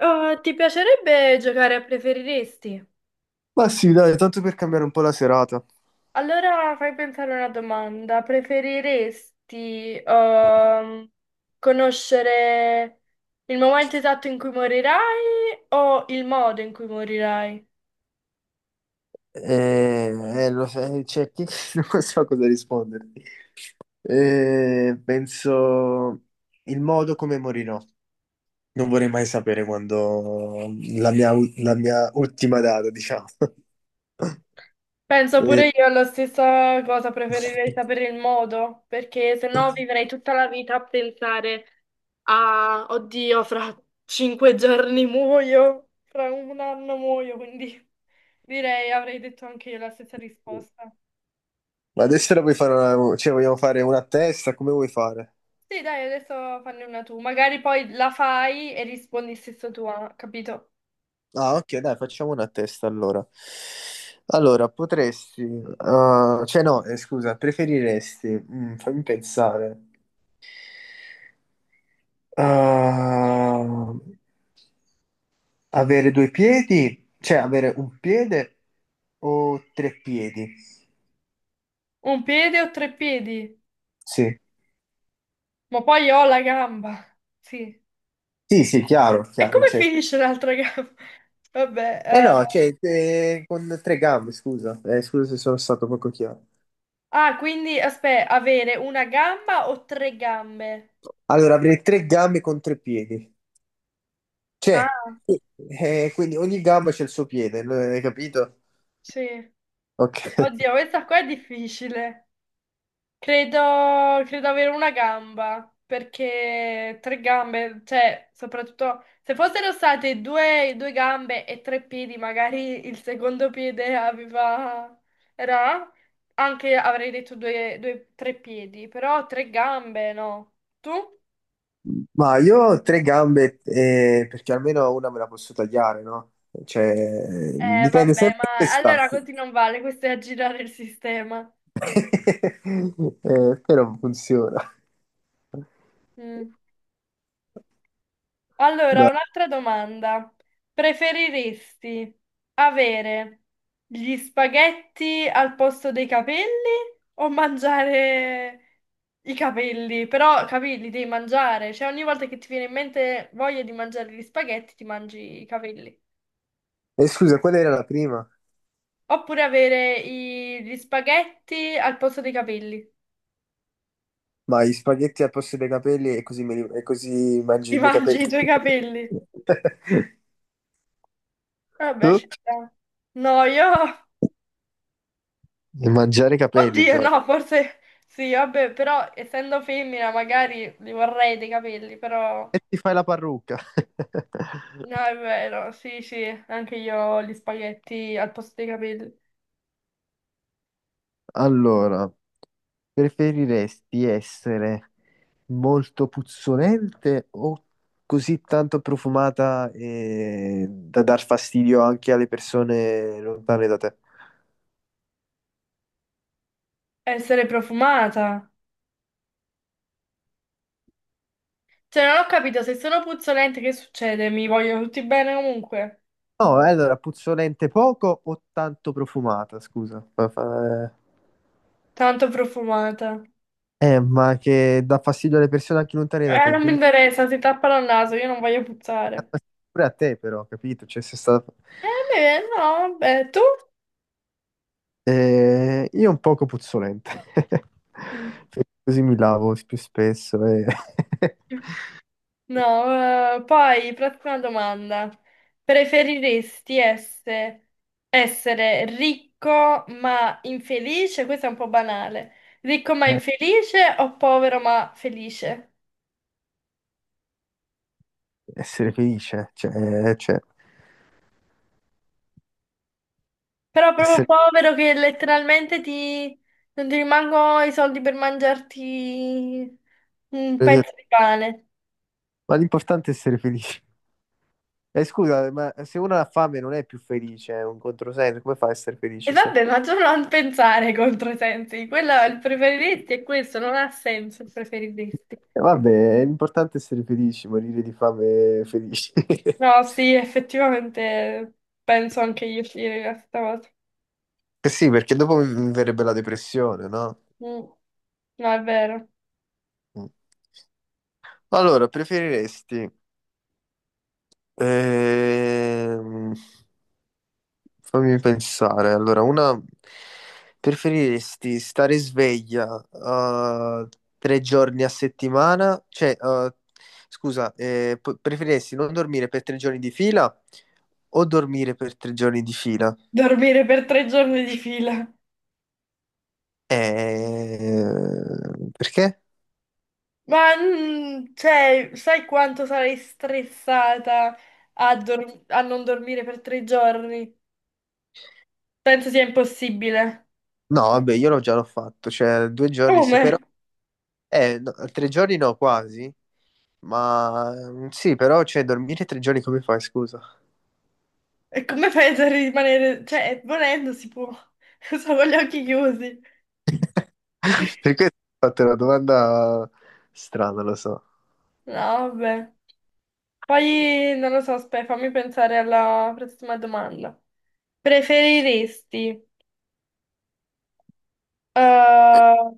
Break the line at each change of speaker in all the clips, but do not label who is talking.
Oh, ti piacerebbe giocare a preferiresti?
Ma sì, dai, tanto per cambiare un po' la serata.
Allora fai pensare una domanda. Preferiresti conoscere il momento esatto in cui morirai o il modo in cui morirai?
Lo sai, c'è chi non so cosa risponderti. Penso il modo come morirò. Non vorrei mai sapere quando la mia, la mia ultima data, diciamo.
Penso
Eh,
pure io alla stessa cosa, preferirei sapere il modo, perché se no vivrei tutta la vita a pensare a, oddio, fra 5 giorni muoio, fra un anno muoio, quindi direi, avrei detto anche io la stessa risposta.
Ma adesso la puoi fare una, cioè vogliamo fare una a testa, come vuoi fare?
Sì, dai, adesso fanne una tu, magari poi la fai e rispondi stesso tu, ah, capito?
Ah, ok, dai, facciamo una a testa allora. Allora, potresti, cioè no, scusa, preferiresti, fammi pensare, uh, avere due piedi, cioè avere un piede o tre piedi?
Un piede o 3 piedi?
Sì,
Ma poi io ho la gamba, sì.
sì, sì, chiaro,
E
chiaro,
come finisce l'altra gamba? Vabbè,
eh
eh,
no, con tre gambe, scusa, scusa se sono stato poco chiaro.
ah, quindi aspetta, avere una gamba o 3 gambe?
Allora, avrei tre gambe con tre piedi, cioè,
Ah,
quindi ogni gamba c'è il suo piede, hai capito?
sì.
Ok,
Oddio, questa qua è difficile. Credo avere una gamba, perché tre gambe, cioè, soprattutto se fossero state due, due gambe e 3 piedi, magari il secondo piede aveva... era... Anche avrei detto due, due, 3 piedi, però 3 gambe, no. Tu?
ma io ho tre gambe perché almeno una me la posso tagliare, no? Cioè, dipende
Vabbè,
sempre da dove
ma
sta.
allora così non vale, questo è aggirare il sistema.
Però funziona.
Mm. Allora,
Dai.
un'altra domanda. Preferiresti avere gli spaghetti al posto dei capelli o mangiare i capelli? Però, capelli devi mangiare, cioè ogni volta che ti viene in mente voglia di mangiare gli spaghetti, ti mangi i capelli.
E scusa, qual era la prima?
Oppure avere gli spaghetti al posto dei capelli.
Ma gli spaghetti al posto dei capelli e così, e così mangio
Ti
i miei
mangi i
capelli.
tuoi capelli. Vabbè,
Tu?
ci sta. No, io
E mangiare i capelli,
oddio,
Gioia.
no, forse sì, vabbè, però essendo femmina magari li vorrei dei capelli, però
E ti fai la parrucca.
no, è vero, sì, sì, anche io ho gli spaghetti al posto dei capelli.
Allora. Preferiresti essere molto puzzolente o così tanto profumata e da dar fastidio anche alle persone lontane da te?
Essere profumata. Cioè, non ho capito, se sono puzzolente che succede? Mi vogliono tutti bene comunque.
No, allora, puzzolente poco o tanto profumata, scusa.
Tanto profumata.
Ma che dà fastidio alle persone anche lontane da te,
Non mi
quindi
interessa, si tappano il naso, io non voglio puzzare.
pure a te però, capito? Cioè, sei stato...
Eh, beh, no, vabbè, tu?
Io un poco puzzolente,
Mm.
perché così mi lavo più spesso e...
No, poi prossima domanda. Preferiresti essere ricco ma infelice? Questo è un po' banale. Ricco ma infelice o povero ma felice?
Essere felice, cioè,
Però proprio
essere-
povero che letteralmente ti... non ti rimangono i soldi per mangiarti un
eh,
pezzo di pane.
ma l'importante è essere felici. Scusa, ma se uno ha fame non è più felice, è un controsenso, come fa a essere
E
felice se...
vabbè, ma tu non pensare ai controsensi. Quello è il preferiresti e questo non ha senso il preferiresti.
Vabbè, è importante essere felici, morire di fame felici.
No, sì, effettivamente penso anche io uscire questa volta.
Eh sì, perché dopo mi verrebbe la depressione, no?
Mm, no, è vero.
Mm. Allora, preferiresti ehm, fammi pensare. Allora, una preferiresti stare sveglia tre giorni a settimana? Preferiresti non dormire per tre giorni di fila o dormire per tre giorni di fila?
Dormire per 3 giorni di fila.
Eh, perché?
Ma, mm, cioè, sai quanto sarei stressata a, a non dormire per 3 giorni? Penso sia impossibile.
No, vabbè, io l'ho fatto, cioè due giorni sì, però...
Come?
No, tre giorni no, quasi, ma sì, però, cioè, dormire tre giorni come fai, scusa?
E come penso a rimanere... Cioè, volendo si può. Solo con gli occhi chiusi.
Perché ti ho fatto una domanda strana, lo so.
No, vabbè. Poi, non lo so, aspetta, fammi pensare alla prossima domanda. Preferiresti eh,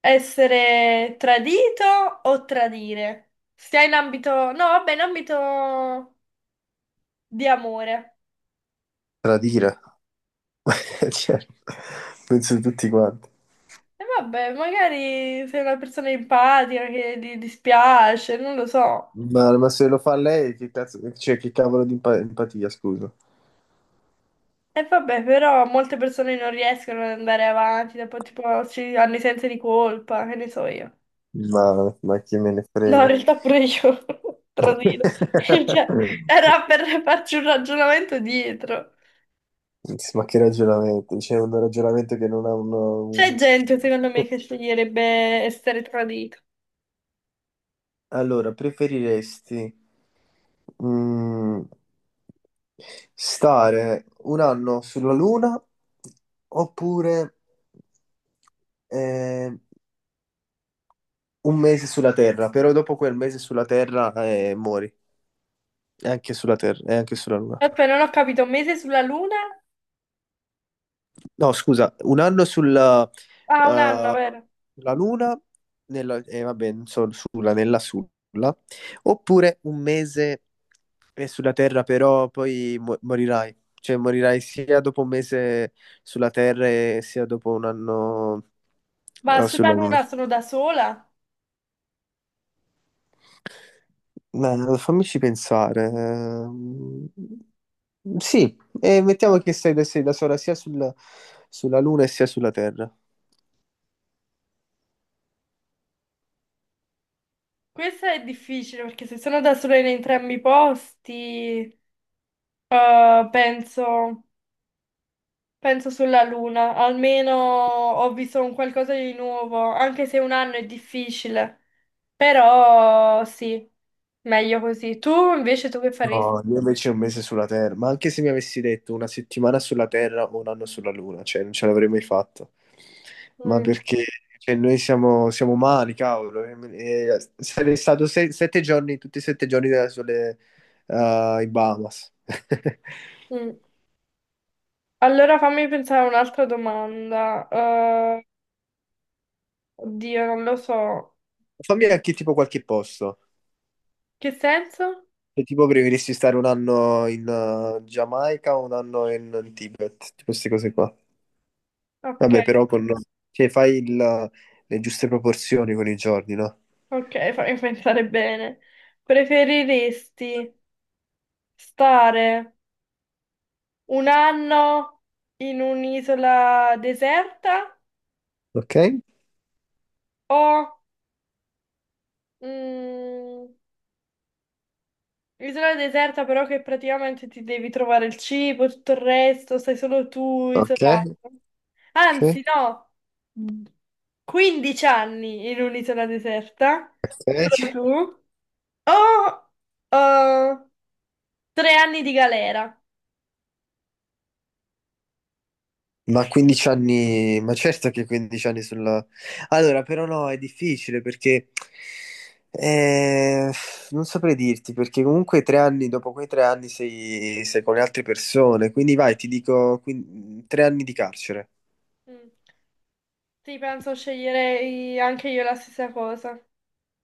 essere tradito o tradire? Stia in ambito... No, vabbè, in ambito di amore.
Tradire. Cioè, penso tutti quanti.
E vabbè, magari sei una persona empatica che ti dispiace, non lo so.
Ma se lo fa lei, che cazzo, cioè, che cavolo di empatia, scusa.
E vabbè, però molte persone non riescono ad andare avanti, dopo tipo ci hanno i sensi di colpa, che ne so io.
Ma chi me ne
No, in
frega?
realtà pure io, tradito. Cioè, era per farci un ragionamento dietro.
Ma che ragionamento? C'è un ragionamento che non ha un...
C'è
un-
gente, secondo me, che sceglierebbe essere tradito.
Allora, preferiresti Mm, stare un anno sulla Luna oppure eh, un mese sulla Terra, però dopo quel mese sulla Terra muori, e anche sulla Terra, e anche sulla Luna.
Aspetta, non ho capito, un mese sulla luna?
No, scusa, un anno sulla,
Ah, un anno,
eh,
vero?
sulla Luna, nella, vabbè, non so, sulla, nella sulla, oppure un mese è sulla Terra, però poi morirai. Cioè, morirai sia dopo un mese sulla Terra e sia dopo un anno,
Ma sulla
sulla Luna.
luna sono da sola?
Beh, fammici pensare. Sì, e mettiamo che sei da sola sulla Luna e sia sulla Terra.
Questo è difficile, perché se sono da sola in entrambi i posti, penso, penso sulla luna. Almeno ho visto un qualcosa di nuovo, anche se un anno è difficile. Però sì, meglio così. Tu invece tu che faresti?
No, io invece un mese sulla Terra, ma anche se mi avessi detto una settimana sulla Terra o un anno sulla Luna, cioè non ce l'avrei mai fatto. Ma
Mm,
perché cioè, siamo umani, cavolo. E sarei stato sette giorni, tutti e sette giorni della sole, in Bahamas.
mm. Allora fammi pensare a un'altra domanda. Oddio, non lo so.
Fammi anche tipo qualche posto.
Che senso?
Cioè, tipo preferisci stare un anno in Giamaica o un anno in Tibet, tipo queste cose qua.
Ok,
Vabbè, però con... cioè, le giuste proporzioni con i giorni, no?
ok, fammi pensare bene. Preferiresti stare un anno in un'isola deserta
Ok,
o mm, isola deserta però che praticamente ti devi trovare il cibo, tutto il resto, stai solo tu
ok,
isolato. Anzi,
sì,
no, 15 anni in un'isola deserta, solo
ok.
tu, o eh, 3 anni di galera.
Ma 15 anni, ma certo che 15 anni sulla... Allora, però no, è difficile perché eh, non saprei dirti, perché comunque tre anni, dopo quei tre anni sei, sei con le altre persone, quindi vai, ti dico tre anni di carcere.
Mm. Sì, penso sceglierei anche io la stessa cosa.